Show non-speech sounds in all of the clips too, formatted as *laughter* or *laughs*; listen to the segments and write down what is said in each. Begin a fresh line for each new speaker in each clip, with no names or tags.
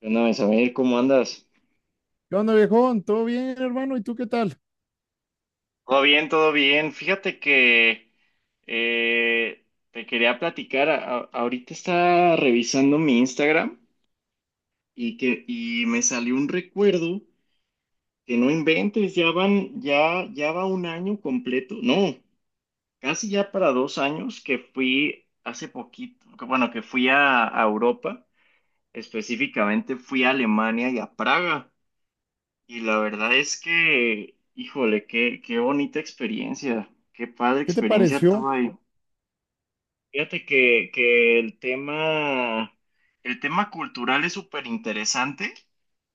Bueno, Isabel, ¿cómo andas?
¿Qué onda, viejón? ¿Todo bien, hermano? ¿Y tú qué tal?
Todo bien, todo bien. Fíjate que te quería platicar. Ahorita estaba revisando mi Instagram y que y me salió un recuerdo que no inventes, ya van, ya va un año completo. No, casi ya para dos años que fui hace poquito, que, bueno, que fui a Europa. Específicamente fui a Alemania y a Praga. Y la verdad es que, híjole, qué bonita experiencia, qué padre
¿Qué te
experiencia
pareció?
tuve ahí. Fíjate que el tema cultural es súper interesante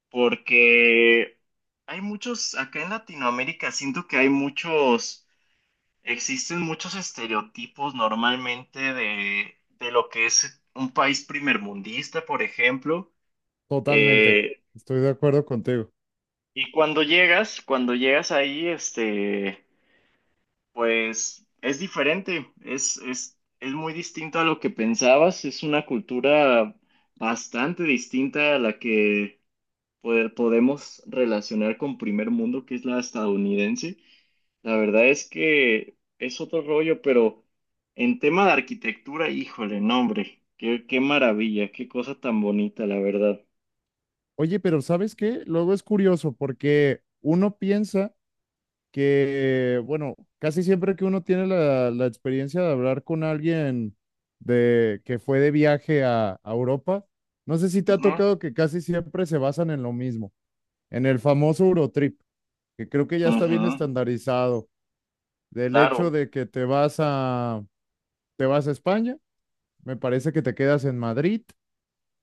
porque acá en Latinoamérica siento que hay muchos, existen muchos estereotipos normalmente de lo que es un país primermundista, por ejemplo.
Totalmente.
Eh,
Estoy de acuerdo contigo.
y cuando llegas ahí, Pues es diferente, es muy distinto a lo que pensabas, es una cultura bastante distinta a la que podemos relacionar con primer mundo, que es la estadounidense. La verdad es que es otro rollo, pero en tema de arquitectura, híjole, no, hombre, qué maravilla, qué cosa tan bonita, la verdad.
Oye, pero ¿sabes qué? Luego es curioso porque uno piensa que, bueno, casi siempre que uno tiene la experiencia de hablar con alguien de que fue de viaje a Europa, no sé si te ha
Ujú,
tocado que casi siempre se basan en lo mismo, en el famoso Eurotrip, que creo que ya está bien
ujú,
estandarizado, del
claro.
hecho de que te vas a España. Me parece que te quedas en Madrid,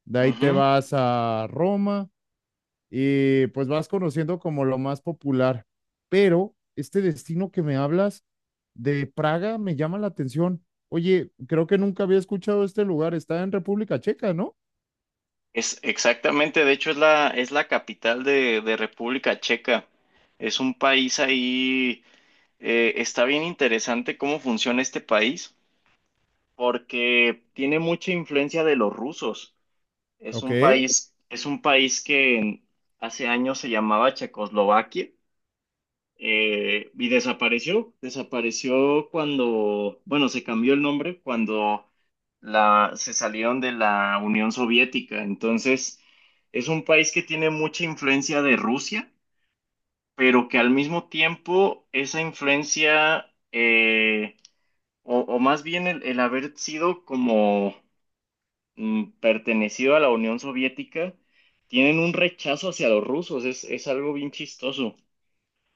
de ahí te vas a Roma y pues vas conociendo como lo más popular. Pero este destino que me hablas de Praga me llama la atención. Oye, creo que nunca había escuchado este lugar. Está en República Checa, ¿no?
Es exactamente, de hecho es es la capital de República Checa. Es un país ahí, está bien interesante cómo funciona este país, porque tiene mucha influencia de los rusos.
Ok.
Es un país hace años se llamaba Checoslovaquia. Y desapareció, desapareció cuando, bueno, se cambió el nombre cuando se salieron de la Unión Soviética. Entonces, es un país que tiene mucha influencia de Rusia, pero que al mismo tiempo esa influencia, o más bien el haber sido como pertenecido a la Unión Soviética, tienen un rechazo hacia los rusos. Es algo bien chistoso.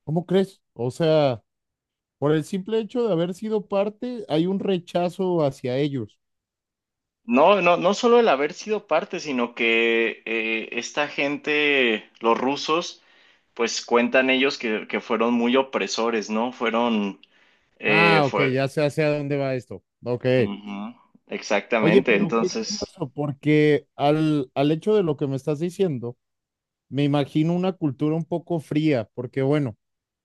¿Cómo crees? O sea, por el simple hecho de haber sido parte, hay un rechazo hacia ellos.
No, no, no solo el haber sido parte, sino que esta gente, los rusos, pues cuentan ellos que fueron muy opresores, ¿no? Fueron,
Ah, ok,
fue,
ya sé hacia dónde va esto. Ok.
ujú,
Oye,
exactamente,
pero qué
entonces,
curioso, porque al hecho de lo que me estás diciendo, me imagino una cultura un poco fría, porque bueno,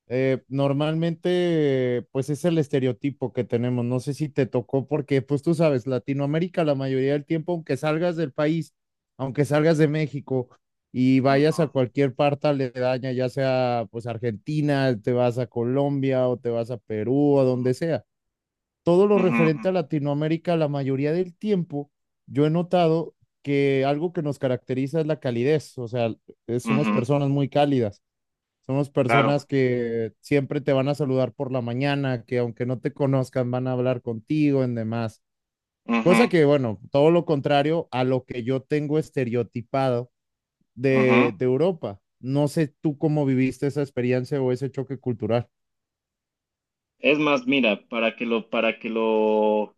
normalmente pues es el estereotipo que tenemos, no sé si te tocó, porque pues tú sabes, Latinoamérica la mayoría del tiempo, aunque salgas del país, aunque salgas de México y
ujú,
vayas a cualquier parte aledaña, ya sea pues Argentina, te vas a Colombia o te vas a Perú o donde sea, todo lo
ujú,
referente a Latinoamérica, la mayoría del tiempo, yo he notado que algo que nos caracteriza es la calidez, o sea,
ujú,
somos
ujú,
personas muy cálidas, somos
claro,
personas que siempre te van a saludar por la mañana, que aunque no te conozcan van a hablar contigo en demás.
ujú,
Cosa que, bueno, todo lo contrario a lo que yo tengo estereotipado
ujú.
de Europa. No sé tú cómo viviste esa experiencia o ese choque cultural.
Es más, mira,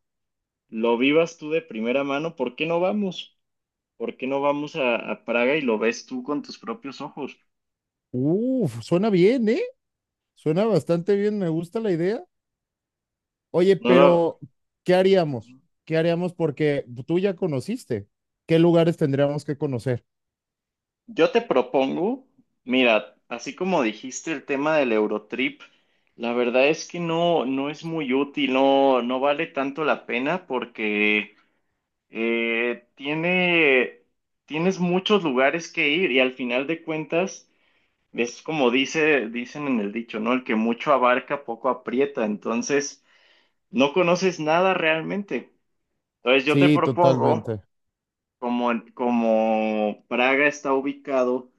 lo vivas tú de primera mano, ¿por qué no vamos? ¿Por qué no vamos a Praga y lo ves tú con tus propios ojos?
Uf, suena bien, ¿eh? Suena bastante bien, me gusta la idea. Oye,
No lo...
pero ¿qué haríamos?
Ujú.
¿Qué haríamos? Porque tú ya conociste. ¿Qué lugares tendríamos que conocer?
Yo te propongo, mira, así como dijiste el tema del Eurotrip, la verdad es que no, no es muy útil, no, no vale tanto la pena porque tiene, tienes muchos lugares que ir y al final de cuentas es como dice, dicen en el dicho, ¿no? El que mucho abarca, poco aprieta, entonces no conoces nada realmente. Entonces yo te
Sí,
propongo,
totalmente.
como Praga está ubicado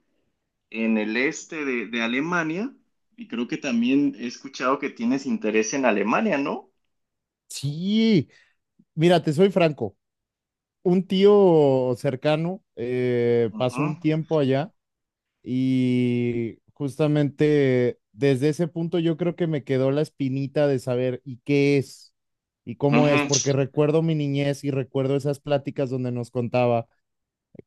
en el este de Alemania y creo que también he escuchado que tienes interés en Alemania, ¿no?
Sí, mira, te soy franco. Un tío cercano pasó
Ujú,
un tiempo allá y justamente desde ese punto yo creo que me quedó la espinita de saber y qué es y cómo
ujú,
es, porque recuerdo mi niñez y recuerdo esas pláticas donde nos contaba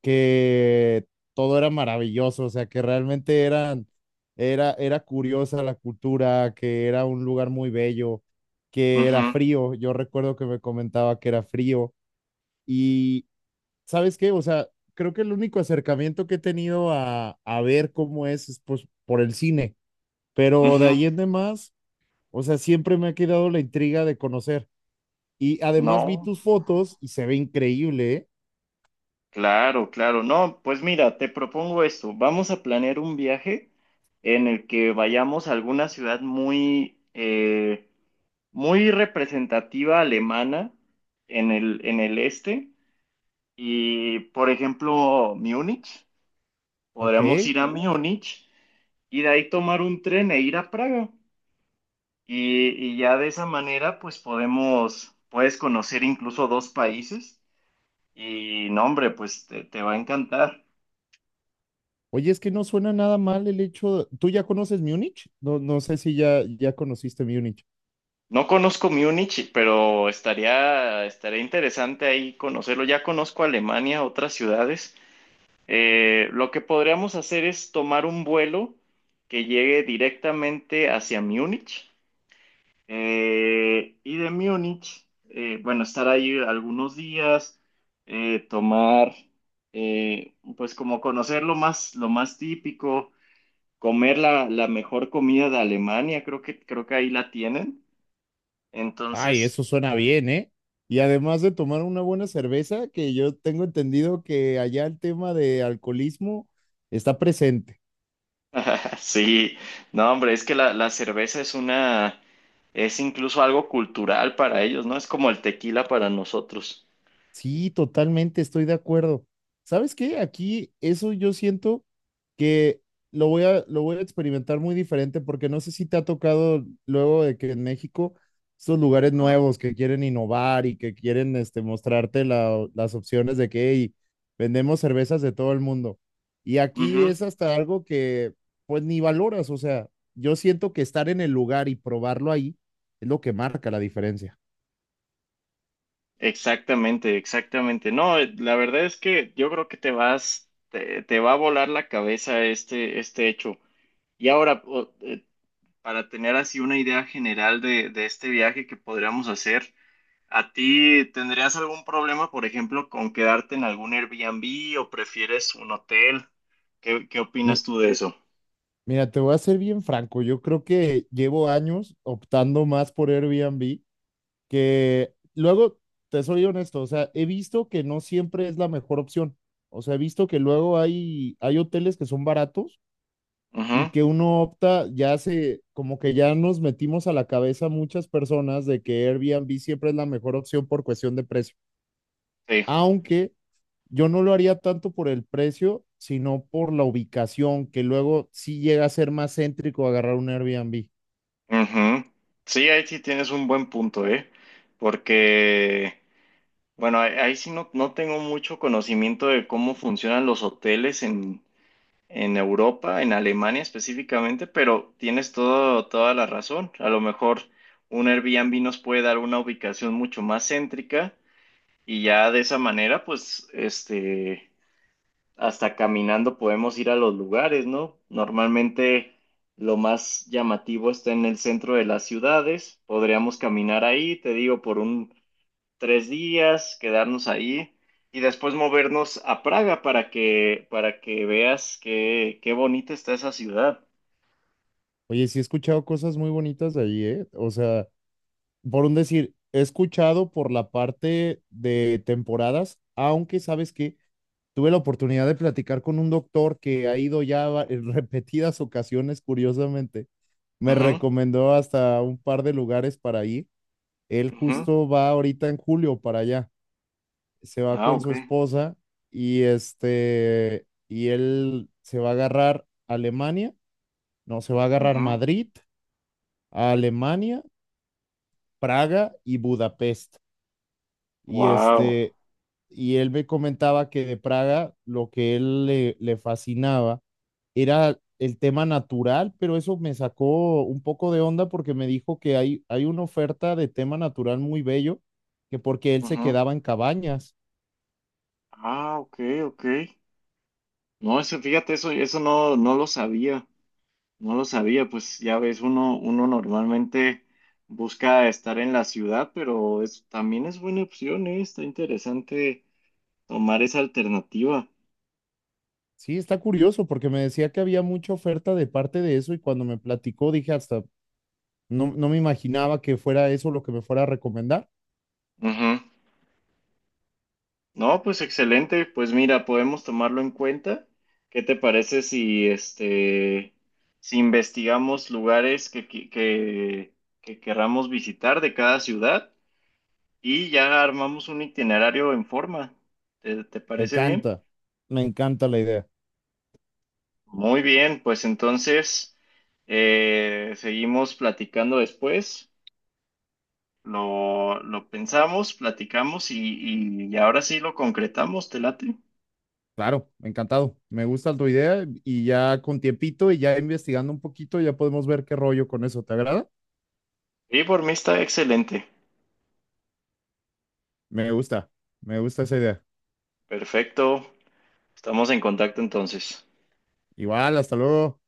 que todo era maravilloso, o sea, que realmente eran, era, era curiosa la cultura, que era un lugar muy bello, que era
ujú,
frío. Yo recuerdo que me comentaba que era frío. Y, ¿sabes qué? O sea, creo que el único acercamiento que he tenido a ver cómo es pues, por el cine, pero de
ujú.
ahí en demás, o sea, siempre me ha quedado la intriga de conocer. Y además vi
No,
tus fotos y se ve increíble, ¿eh?
claro, claro. No, pues mira, te propongo esto. Vamos a planear un viaje en el que vayamos a alguna ciudad muy, muy representativa alemana en el este. Y, por ejemplo, Múnich.
¿Ok?
Podríamos ir a Múnich y de ahí tomar un tren e ir a Praga. Y ya de esa manera, pues podemos, puedes conocer incluso dos países y no, hombre, pues te va a encantar.
Oye, es que no suena nada mal el hecho. ¿Tú ya conoces Múnich? No, no sé si ya conociste Múnich.
No conozco Múnich, pero estaría, estaría interesante ahí conocerlo. Ya conozco Alemania, otras ciudades. Lo que podríamos hacer es tomar un vuelo que llegue directamente hacia Múnich. Y de Múnich, bueno, estar ahí algunos días, eh, tomar, pues como conocer lo más típico, comer la mejor comida de Alemania, creo creo que ahí la tienen.
Ay,
Entonces,
eso suena bien, ¿eh? Y además de tomar una buena cerveza, que yo tengo entendido que allá el tema de alcoholismo está presente.
*laughs* sí, no, hombre, es que la cerveza es una, es incluso algo cultural para ellos, ¿no? Es como el tequila para nosotros.
Sí, totalmente, estoy de acuerdo. ¿Sabes qué? Aquí eso yo siento que lo voy a experimentar muy diferente porque no sé si te ha tocado luego de que en México estos lugares
Ajá.
nuevos que quieren innovar y que quieren este, mostrarte las opciones de que "Hey, vendemos cervezas de todo el mundo". Y aquí
Ujú.
es hasta algo que pues ni valoras, o sea, yo siento que estar en el lugar y probarlo ahí es lo que marca la diferencia.
Exactamente, exactamente. No, la verdad es que yo creo que te vas, te va a volar la cabeza este, este hecho. Y ahora, para tener así una idea general de este viaje que podríamos hacer, ¿a ti tendrías algún problema, por ejemplo, con quedarte en algún Airbnb o prefieres un hotel? ¿¿Qué qué
Mi-
opinas tú de eso?
Mira, te voy a ser bien franco. Yo creo que llevo años optando más por Airbnb que luego, te soy honesto, o sea, he visto que no siempre es la mejor opción. O sea, he visto que luego hay, hay hoteles que son baratos
Ujú,
y que uno opta, ya se, como que ya nos metimos a la cabeza muchas personas de que Airbnb siempre es la mejor opción por cuestión de precio.
sí,
Aunque yo no lo haría tanto por el precio, sino por la ubicación, que luego sí llega a ser más céntrico agarrar un Airbnb.
ujú. Sí, ahí sí tienes un buen punto, ¿eh? Porque... Bueno, ahí, ahí sí no, no tengo mucho conocimiento de cómo funcionan los hoteles en Europa, en Alemania específicamente, pero tienes todo, toda la razón. A lo mejor un Airbnb nos puede dar una ubicación mucho más céntrica y ya de esa manera, pues, hasta caminando podemos ir a los lugares, ¿no? Normalmente lo más llamativo está en el centro de las ciudades. Podríamos caminar ahí, te digo, por un tres días, quedarnos ahí y después movernos a Praga para que veas qué bonita está esa ciudad.
Oye, sí he escuchado cosas muy bonitas de ahí, ¿eh? O sea, por un decir, he escuchado por la parte de temporadas, aunque sabes que tuve la oportunidad de platicar con un doctor que ha ido *laughs* en repetidas ocasiones, curiosamente. Me
Ujú,
recomendó hasta un par de lugares para ir. Él
ujú.
justo va ahorita en julio para allá. Se va
Ah,
con
ok.
su esposa y este, y él se va a agarrar Alemania, no, se va a agarrar Madrid, a Alemania, Praga y Budapest. Y
Wow.
este, y él me comentaba que de Praga lo que él le, le fascinaba era el tema natural, pero eso me sacó un poco de onda porque me dijo que hay una oferta de tema natural muy bello, que porque él se quedaba en cabañas.
Ah, ok, ok. No, eso, fíjate, eso no, no lo sabía. No lo sabía, pues ya ves, uno, uno normalmente busca estar en la ciudad, pero es, también es buena opción, ¿eh? Está interesante tomar esa alternativa.
Sí, está curioso porque me decía que había mucha oferta de parte de eso y cuando me platicó dije hasta, no, no me imaginaba que fuera eso lo que me fuera a recomendar.
Ujú. No, pues excelente. Pues mira, podemos tomarlo en cuenta. ¿Qué te parece si si investigamos lugares que querramos visitar de cada ciudad y ya armamos un itinerario en forma? ¿Te, te
Me
parece bien?
encanta, me encanta la idea.
Muy bien, pues entonces seguimos platicando después. Lo pensamos, platicamos y, y ahora sí lo concretamos, ¿te late?
Claro, encantado. Me gusta tu idea y ya con tiempito y ya investigando un poquito ya podemos ver qué rollo con eso. ¿Te agrada?
Y por mí está excelente.
Me gusta, me gusta esa idea.
Perfecto. Estamos en contacto entonces.
Igual, hasta luego.